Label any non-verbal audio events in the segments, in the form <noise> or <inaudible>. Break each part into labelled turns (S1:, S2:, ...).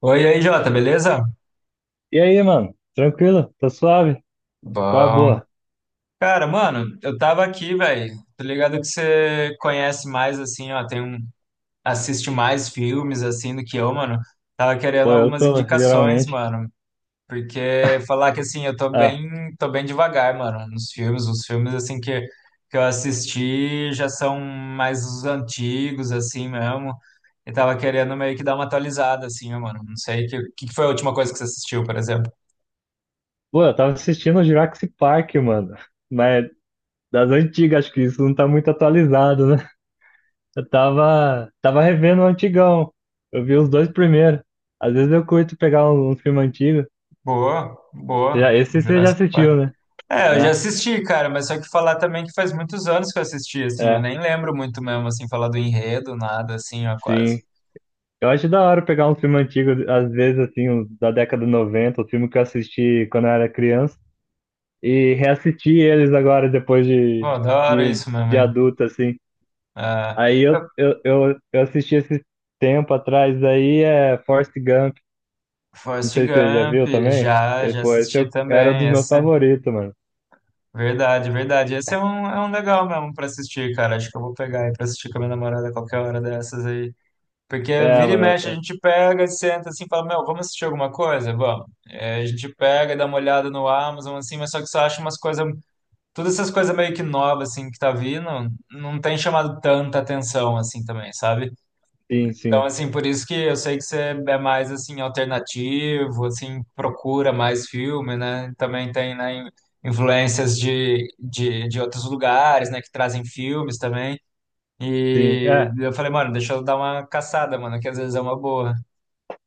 S1: Oi, e aí, Jota, beleza?
S2: E aí, mano? Tranquilo? Tá suave? Qual é a
S1: Bom.
S2: boa?
S1: Cara, mano, eu tava aqui, velho. Tô ligado que você conhece mais, assim, ó, tem um, assiste mais filmes, assim, do que eu, mano. Tava querendo
S2: Pô, eu
S1: algumas
S2: tô,
S1: indicações,
S2: geralmente.
S1: mano. Porque falar que, assim, eu
S2: Ah,
S1: tô bem devagar, mano, nos filmes. Os filmes, assim, que eu assisti já são mais os antigos, assim, mesmo. E tava querendo meio que dar uma atualizada, assim, ó, mano. Não sei, que foi a última coisa que você assistiu, por exemplo?
S2: pô, eu tava assistindo o Jurassic Park, mano. Mas das antigas, acho que isso não tá muito atualizado, né? Eu tava revendo o antigão. Eu vi os dois primeiros. Às vezes eu curto pegar um filme antigo.
S1: Boa,
S2: Já,
S1: boa.
S2: esse você já
S1: Jurassic
S2: assistiu,
S1: Park.
S2: né?
S1: É, eu já
S2: Né?
S1: assisti, cara, mas só que falar também que faz muitos anos que eu assisti, assim, eu
S2: É,
S1: nem lembro muito mesmo, assim, falar do enredo, nada, assim, ó,
S2: sim.
S1: quase.
S2: Eu acho da hora pegar um filme antigo, às vezes, assim, uns da década de 90, o filme que eu assisti quando eu era criança. E reassisti eles agora depois
S1: Pô, da hora
S2: de,
S1: isso mesmo,
S2: de
S1: hein?
S2: adulto, assim.
S1: Ah,
S2: Aí eu,
S1: eu-
S2: eu, eu, eu assisti esse tempo atrás, aí é Forrest Gump, não
S1: Forrest
S2: sei se você já viu
S1: Gump,
S2: também.
S1: já,
S2: E,
S1: já
S2: pô, esse
S1: assisti
S2: eu, era um
S1: também,
S2: dos meus
S1: essa.
S2: favoritos, mano.
S1: Verdade, verdade. Esse é um legal mesmo pra assistir, cara. Acho que eu vou pegar aí pra assistir com a minha namorada qualquer hora dessas aí. Porque
S2: É,
S1: vira e
S2: mano,
S1: mexe,
S2: é,
S1: a
S2: é,
S1: gente pega, senta assim, e fala, meu, vamos assistir alguma coisa? Vamos. É, a gente pega, dá uma olhada no Amazon, assim, mas só que você acha umas coisas, todas essas coisas meio que novas, assim, que tá vindo, não tem chamado tanta atenção, assim, também, sabe?
S2: sim,
S1: Então,
S2: sim,
S1: assim, por isso que eu sei que você é mais, assim, alternativo, assim, procura mais filme, né? Também tem, né, influências de outros lugares, né, que trazem filmes também.
S2: sim.
S1: E
S2: É,
S1: eu falei, mano, deixa eu dar uma caçada, mano, que às vezes é uma boa.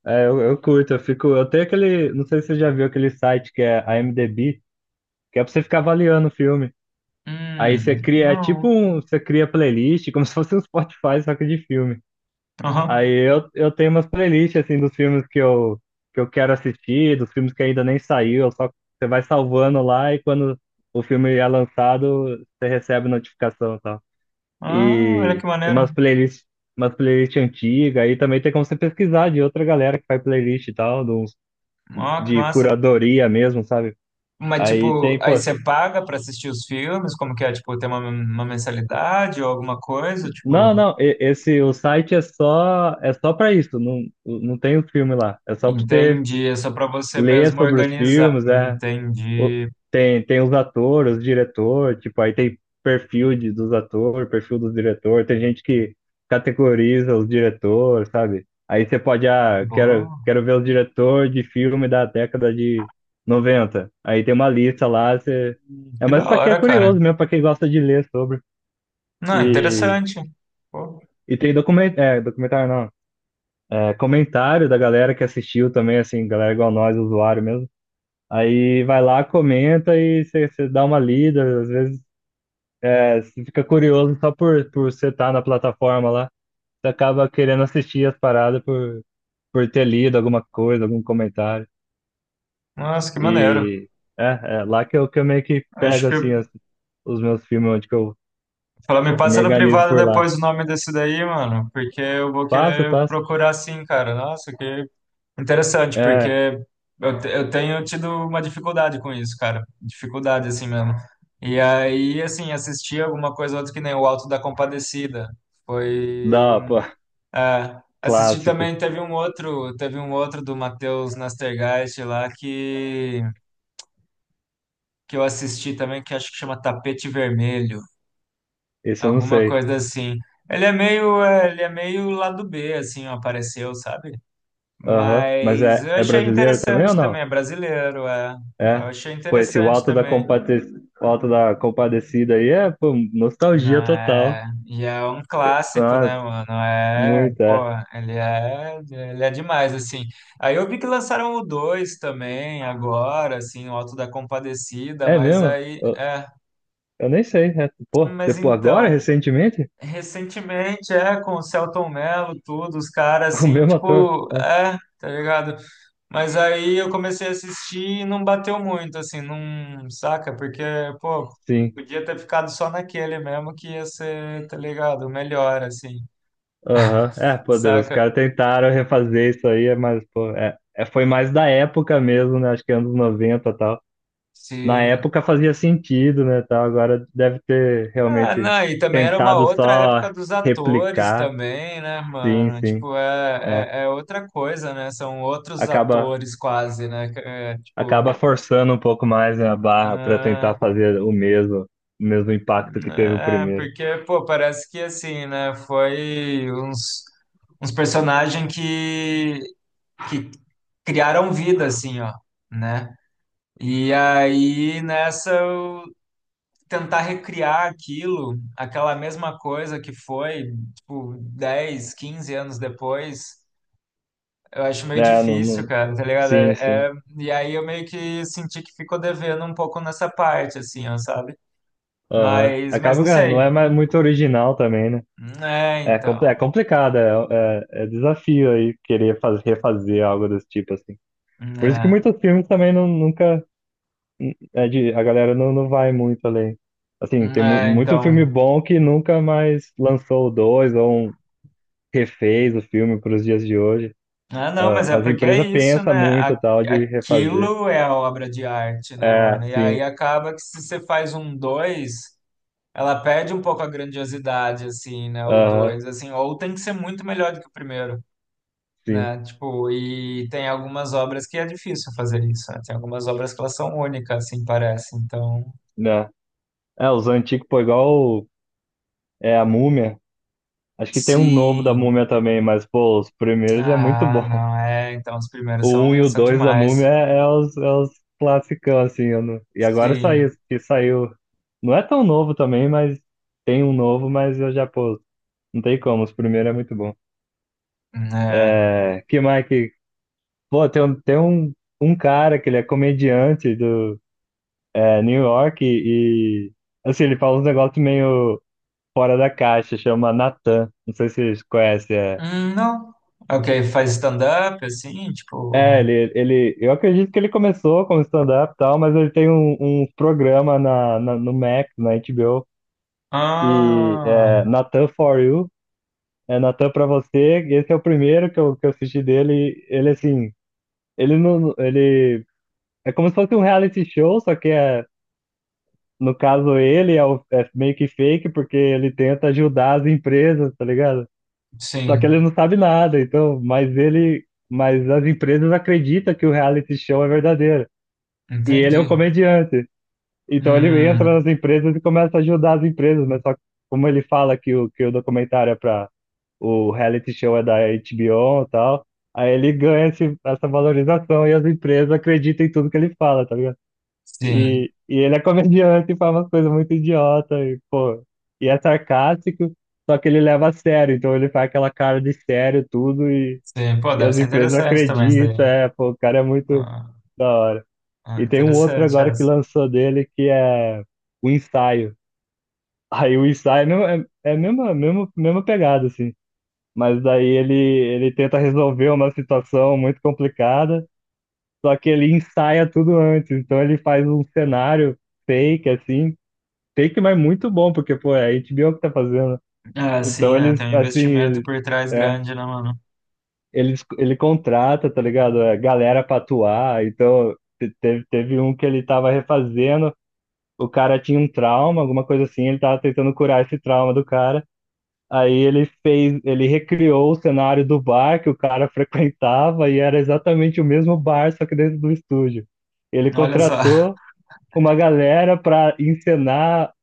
S2: é, eu curto, eu fico. Eu tenho aquele. Não sei se você já viu aquele site que é a IMDb, que é pra você ficar avaliando o filme. Aí
S1: Hum,
S2: você cria, é tipo
S1: não.
S2: um. Você cria playlist, como <laughs> se fosse um Spotify, só que de filme. Aí
S1: Aham.
S2: eu, eu tenho umas playlists, assim, dos filmes que eu quero assistir, dos filmes que ainda nem saiu, eu só você vai salvando lá e quando o filme é lançado, você recebe notificação e tal.
S1: Ah, olha que
S2: E
S1: maneiro.
S2: umas playlists antigas, aí também tem como você pesquisar de outra galera que faz playlist e tal,
S1: Ó, que
S2: de
S1: massa.
S2: curadoria mesmo, sabe?
S1: Mas,
S2: Aí
S1: tipo,
S2: tem,
S1: aí
S2: pô,
S1: você paga pra assistir os filmes? Como que é? Tipo, tem uma mensalidade ou alguma coisa? Tipo,
S2: não, esse, o site é só pra isso, não, não tem o filme lá, é só pra você
S1: entendi. É só pra você
S2: ler
S1: mesmo
S2: sobre os
S1: organizar.
S2: filmes, é. o-
S1: Entendi.
S2: tem os atores, os diretor, tipo, aí tem perfil dos atores, perfil dos diretor, tem gente que categoriza os diretores, sabe? Aí você pode, ah, quero,
S1: Boa.
S2: quero ver os diretor de filme da década de noventa. Aí tem uma lista lá, você... É
S1: Que
S2: mais
S1: da
S2: pra quem é
S1: hora, cara.
S2: curioso mesmo, pra quem gosta de ler sobre.
S1: Não,
S2: E,
S1: interessante. Pô,
S2: e tem documentário, não. É, comentário da galera que assistiu também, assim, galera igual nós, usuário mesmo. Aí vai lá, comenta e você dá uma lida. Às vezes você fica curioso só por você estar na plataforma lá. Você acaba querendo assistir as paradas por ter lido alguma coisa, algum comentário.
S1: nossa, que maneiro.
S2: E é, é lá que eu meio que
S1: Acho
S2: pego assim,
S1: que.
S2: os meus filmes, onde que eu,
S1: Fala, me
S2: eu me
S1: passa no
S2: organizo
S1: privado
S2: por lá.
S1: depois o nome desse daí, mano. Porque eu vou
S2: Passo,
S1: querer
S2: passo.
S1: procurar sim, cara. Nossa, que interessante,
S2: É,
S1: porque eu tenho tido uma dificuldade com isso, cara. Dificuldade, assim mesmo. E aí, assim, assisti alguma coisa ou outra que nem o Alto da Compadecida. Foi
S2: dá,
S1: um.
S2: pô, <laughs>
S1: É, assisti
S2: clássico.
S1: também, teve um outro do Matheus Nastergaist lá que eu assisti também, que acho que chama Tapete Vermelho,
S2: Isso eu não
S1: alguma
S2: sei.
S1: coisa assim. Ele é meio, é, ele é meio lado B, assim, apareceu, sabe?
S2: Aham. Mas
S1: Mas
S2: é,
S1: eu
S2: é
S1: achei
S2: brasileiro também ou
S1: interessante
S2: não?
S1: também, é brasileiro, é. Eu
S2: É,
S1: achei
S2: pô, esse o
S1: interessante
S2: Alto da
S1: também.
S2: Compade... o Alto da Compadecida aí é, pô, nostalgia total.
S1: Né? E é um clássico, né,
S2: Nossa,
S1: mano? É,
S2: muito,
S1: pô,
S2: é.
S1: ele é demais, assim. Aí eu vi que lançaram o 2 também, agora, assim, o Alto da Compadecida,
S2: É
S1: mas
S2: mesmo?
S1: aí,
S2: Eu,
S1: é,
S2: eu nem sei. É. Pô,
S1: mas
S2: depois, agora,
S1: então,
S2: recentemente,
S1: recentemente, é, com o Selton Mello, tudo, os caras,
S2: <laughs> o
S1: assim,
S2: mesmo ator.
S1: tipo,
S2: É,
S1: é, tá ligado? Mas aí eu comecei a assistir e não bateu muito, assim, não, saca? Porque, pô,
S2: sim.
S1: podia ter ficado só naquele mesmo que ia ser, tá ligado? Melhor, assim,
S2: Aham. É, pô, Deus, os caras
S1: saca?
S2: tentaram refazer isso aí, mas, pô, foi mais da época mesmo, né? Acho que anos 90 e tal. Na
S1: Sim.
S2: época fazia sentido, né, tal. Agora deve ter
S1: Ah,
S2: realmente
S1: não, e também era uma
S2: tentado
S1: outra
S2: só
S1: época dos atores
S2: replicar.
S1: também, né,
S2: Sim,
S1: mano?
S2: sim.
S1: Tipo,
S2: É.
S1: é, é, é outra coisa, né? São outros
S2: acaba
S1: atores quase, né? É,
S2: acaba
S1: tipo,
S2: forçando um pouco mais, né, a barra para
S1: ah,
S2: tentar fazer o mesmo impacto que teve o
S1: é,
S2: primeiro.
S1: porque, pô, parece que assim, né? Foi uns, uns personagens que criaram vida, assim, ó, né? E aí, nessa, eu tentar recriar aquilo, aquela mesma coisa que foi, tipo, 10, 15 anos depois, eu acho meio
S2: É, não,
S1: difícil, cara, tá ligado?
S2: Sim, sim.
S1: E aí eu meio que senti que ficou devendo um pouco nessa parte, assim, ó, sabe?
S2: Aham.
S1: Mas
S2: Acaba,
S1: não
S2: que ah, não
S1: sei.
S2: é mais muito original também, né?
S1: É,
S2: É,
S1: então.
S2: é complicado, é desafio aí querer refazer algo desse tipo, assim. Por isso que
S1: É,
S2: muitos filmes também não, nunca, a galera não vai muito além. Assim, tem
S1: é,
S2: muito filme
S1: então.
S2: bom que nunca mais lançou o dois ou um, refez o filme para os dias de hoje.
S1: Ah, não, mas é
S2: Ah, as
S1: porque é
S2: empresas
S1: isso, né?
S2: pensam muito
S1: A-
S2: tal de refazer.
S1: Aquilo é a obra de arte, né,
S2: É,
S1: mano? E aí
S2: sim.
S1: acaba que se você faz um dois ela perde um pouco a grandiosidade, assim, né? O
S2: Aham,
S1: dois assim, ou tem que ser muito melhor do que o primeiro,
S2: sim.
S1: né? Tipo, e tem algumas obras que é difícil fazer isso, né? Tem algumas obras que elas são únicas, assim, parece. Então,
S2: Né? É, os antigos, pô, igual o- a Múmia. Acho que tem um novo da
S1: sim.
S2: Múmia também, mas, pô, os primeiros é muito
S1: Ah,
S2: bom.
S1: não, é. Então, os primeiros
S2: O um
S1: são,
S2: e o
S1: são
S2: 2 da
S1: demais.
S2: Múmia é os classicão, assim. Eu não- E agora saiu,
S1: Sim,
S2: que saiu. Não é tão novo também, mas tem um novo, mas eu já, pô, não tem como. Os primeiros é muito bom.
S1: é.
S2: É, que mais que. Pô, tem um cara que ele é comediante New York e assim, ele fala uns negócios meio fora da caixa, chama Natan. Não sei se vocês conhecem. É,
S1: Não. Ok, faz stand-up, assim, tipo.
S2: é ele, eu acredito que ele começou como stand-up e tal, mas ele tem um programa no Max, na HBO, e
S1: Ah,
S2: é Natan For You, é Natan pra você. E esse é o primeiro que eu assisti dele. E ele, assim, ele não, ele é como se fosse um reality show, só que é. No caso, ele é, é meio que fake porque ele tenta ajudar as empresas, tá ligado? Só que
S1: sim,
S2: ele não sabe nada, então, mas as empresas acreditam que o reality show é verdadeiro. E ele é
S1: entendi.
S2: um comediante. Então ele entra
S1: Hum,
S2: nas empresas e começa a ajudar as empresas, mas só que como ele fala que o documentário é para o reality show é da HBO e tal, aí ele ganha essa valorização e as empresas acreditam em tudo que ele fala, tá ligado?
S1: sim,
S2: E ele é comediante e fala umas coisas muito idiota e, pô, e é sarcástico, só que ele leva a sério, então ele faz aquela cara de sério tudo
S1: sim. Pô,
S2: e
S1: deve
S2: as
S1: ser
S2: empresas
S1: interessante também isso daí.
S2: acreditam, é, pô, o cara é muito
S1: Ah,
S2: da hora.
S1: ah,
S2: E tem um outro
S1: interessante
S2: agora
S1: essa.
S2: que lançou dele que é o ensaio. Aí o ensaio é a mesma pegada, assim. Mas daí ele tenta resolver uma situação muito complicada, só que ele ensaia tudo antes. Então ele faz um cenário fake, assim, Take, mas muito bom, porque, pô, é a HBO que tá fazendo.
S1: Ah, sim,
S2: Então
S1: né? Tem
S2: eles,
S1: um
S2: assim,
S1: investimento
S2: eles,
S1: por trás
S2: é,
S1: grande, né, mano?
S2: eles, ele contrata, tá ligado? É, galera pra atuar. Então teve um que ele tava refazendo, o cara tinha um trauma, alguma coisa assim, ele tava tentando curar esse trauma do cara. Aí ele recriou o cenário do bar que o cara <laughs> frequentava e era exatamente o mesmo bar, só que dentro do estúdio. Ele
S1: Olha só.
S2: contratou
S1: <laughs>
S2: uma galera pra encenar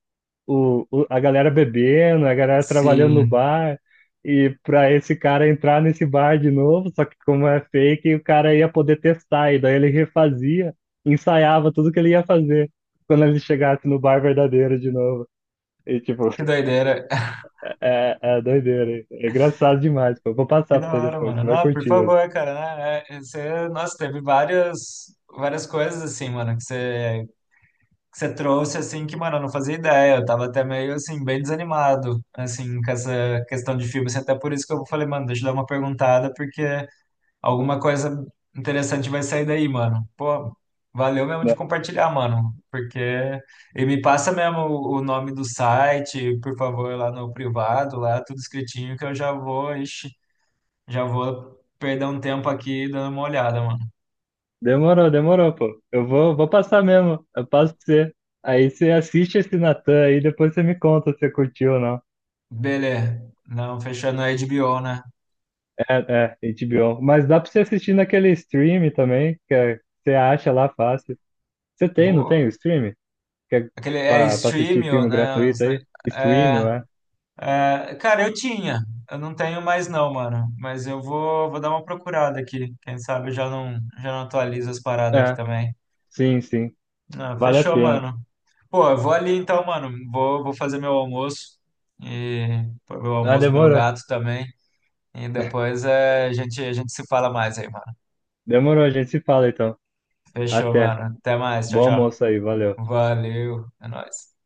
S2: a galera bebendo, a galera trabalhando no
S1: Sim,
S2: bar, e para esse cara entrar nesse bar de novo, só que como é fake, o cara ia poder testar, e daí ele refazia, ensaiava tudo que ele ia fazer quando ele chegasse no bar verdadeiro de novo. E tipo,
S1: que doideira. <laughs>
S2: <laughs> é doideira, hein? É engraçado demais, pô. Vou
S1: Que
S2: passar pra
S1: da
S2: você
S1: hora,
S2: depois,
S1: mano.
S2: você vai
S1: Não, por
S2: curtir isso.
S1: favor, cara, né? É, é, você, nossa, teve várias, várias coisas assim, mano, que você trouxe, assim, que, mano, eu não fazia ideia. Eu tava até meio, assim, bem desanimado, assim, com essa questão de filme. Assim, até por isso que eu falei, mano, deixa eu dar uma perguntada, porque alguma coisa interessante vai sair daí, mano. Pô, valeu mesmo
S2: Né?
S1: de compartilhar, mano, porque... E me passa mesmo o nome do site, por favor, lá no privado, lá, tudo escritinho, que eu já vou, ixi, já vou perder um tempo aqui dando uma olhada, mano.
S2: Demorou, demorou, pô. Eu vou passar mesmo, eu passo pra você. Aí você assiste esse Natan aí, depois você me conta se você curtiu ou não.
S1: Beleza. Não, fechando a HBO, né?
S2: É, é, HBO. Mas dá pra você assistir naquele stream também, você acha lá fácil. Não tem o
S1: Boa.
S2: stream? Que é
S1: Aquele é
S2: pra assistir
S1: Streamio,
S2: filme
S1: né?
S2: gratuito aí? Stream,
S1: É,
S2: é?
S1: é, cara, eu tinha. Eu não tenho mais não, mano. Mas eu vou, vou dar uma procurada aqui. Quem sabe eu já não atualizo as paradas aqui
S2: É,
S1: também.
S2: sim, sim.
S1: Ah,
S2: Vale a
S1: fechou,
S2: pena.
S1: mano. Pô, eu vou ali então, mano. Vou, vou fazer meu almoço. E pôr meu
S2: Ah,
S1: almoço no meu
S2: demorou.
S1: gato também. E depois é, a gente se fala mais aí, mano.
S2: Demorou, a gente se fala então.
S1: Fechou,
S2: Até.
S1: mano. Até mais. Tchau,
S2: Bom
S1: tchau.
S2: almoço aí, valeu.
S1: Valeu. É nóis.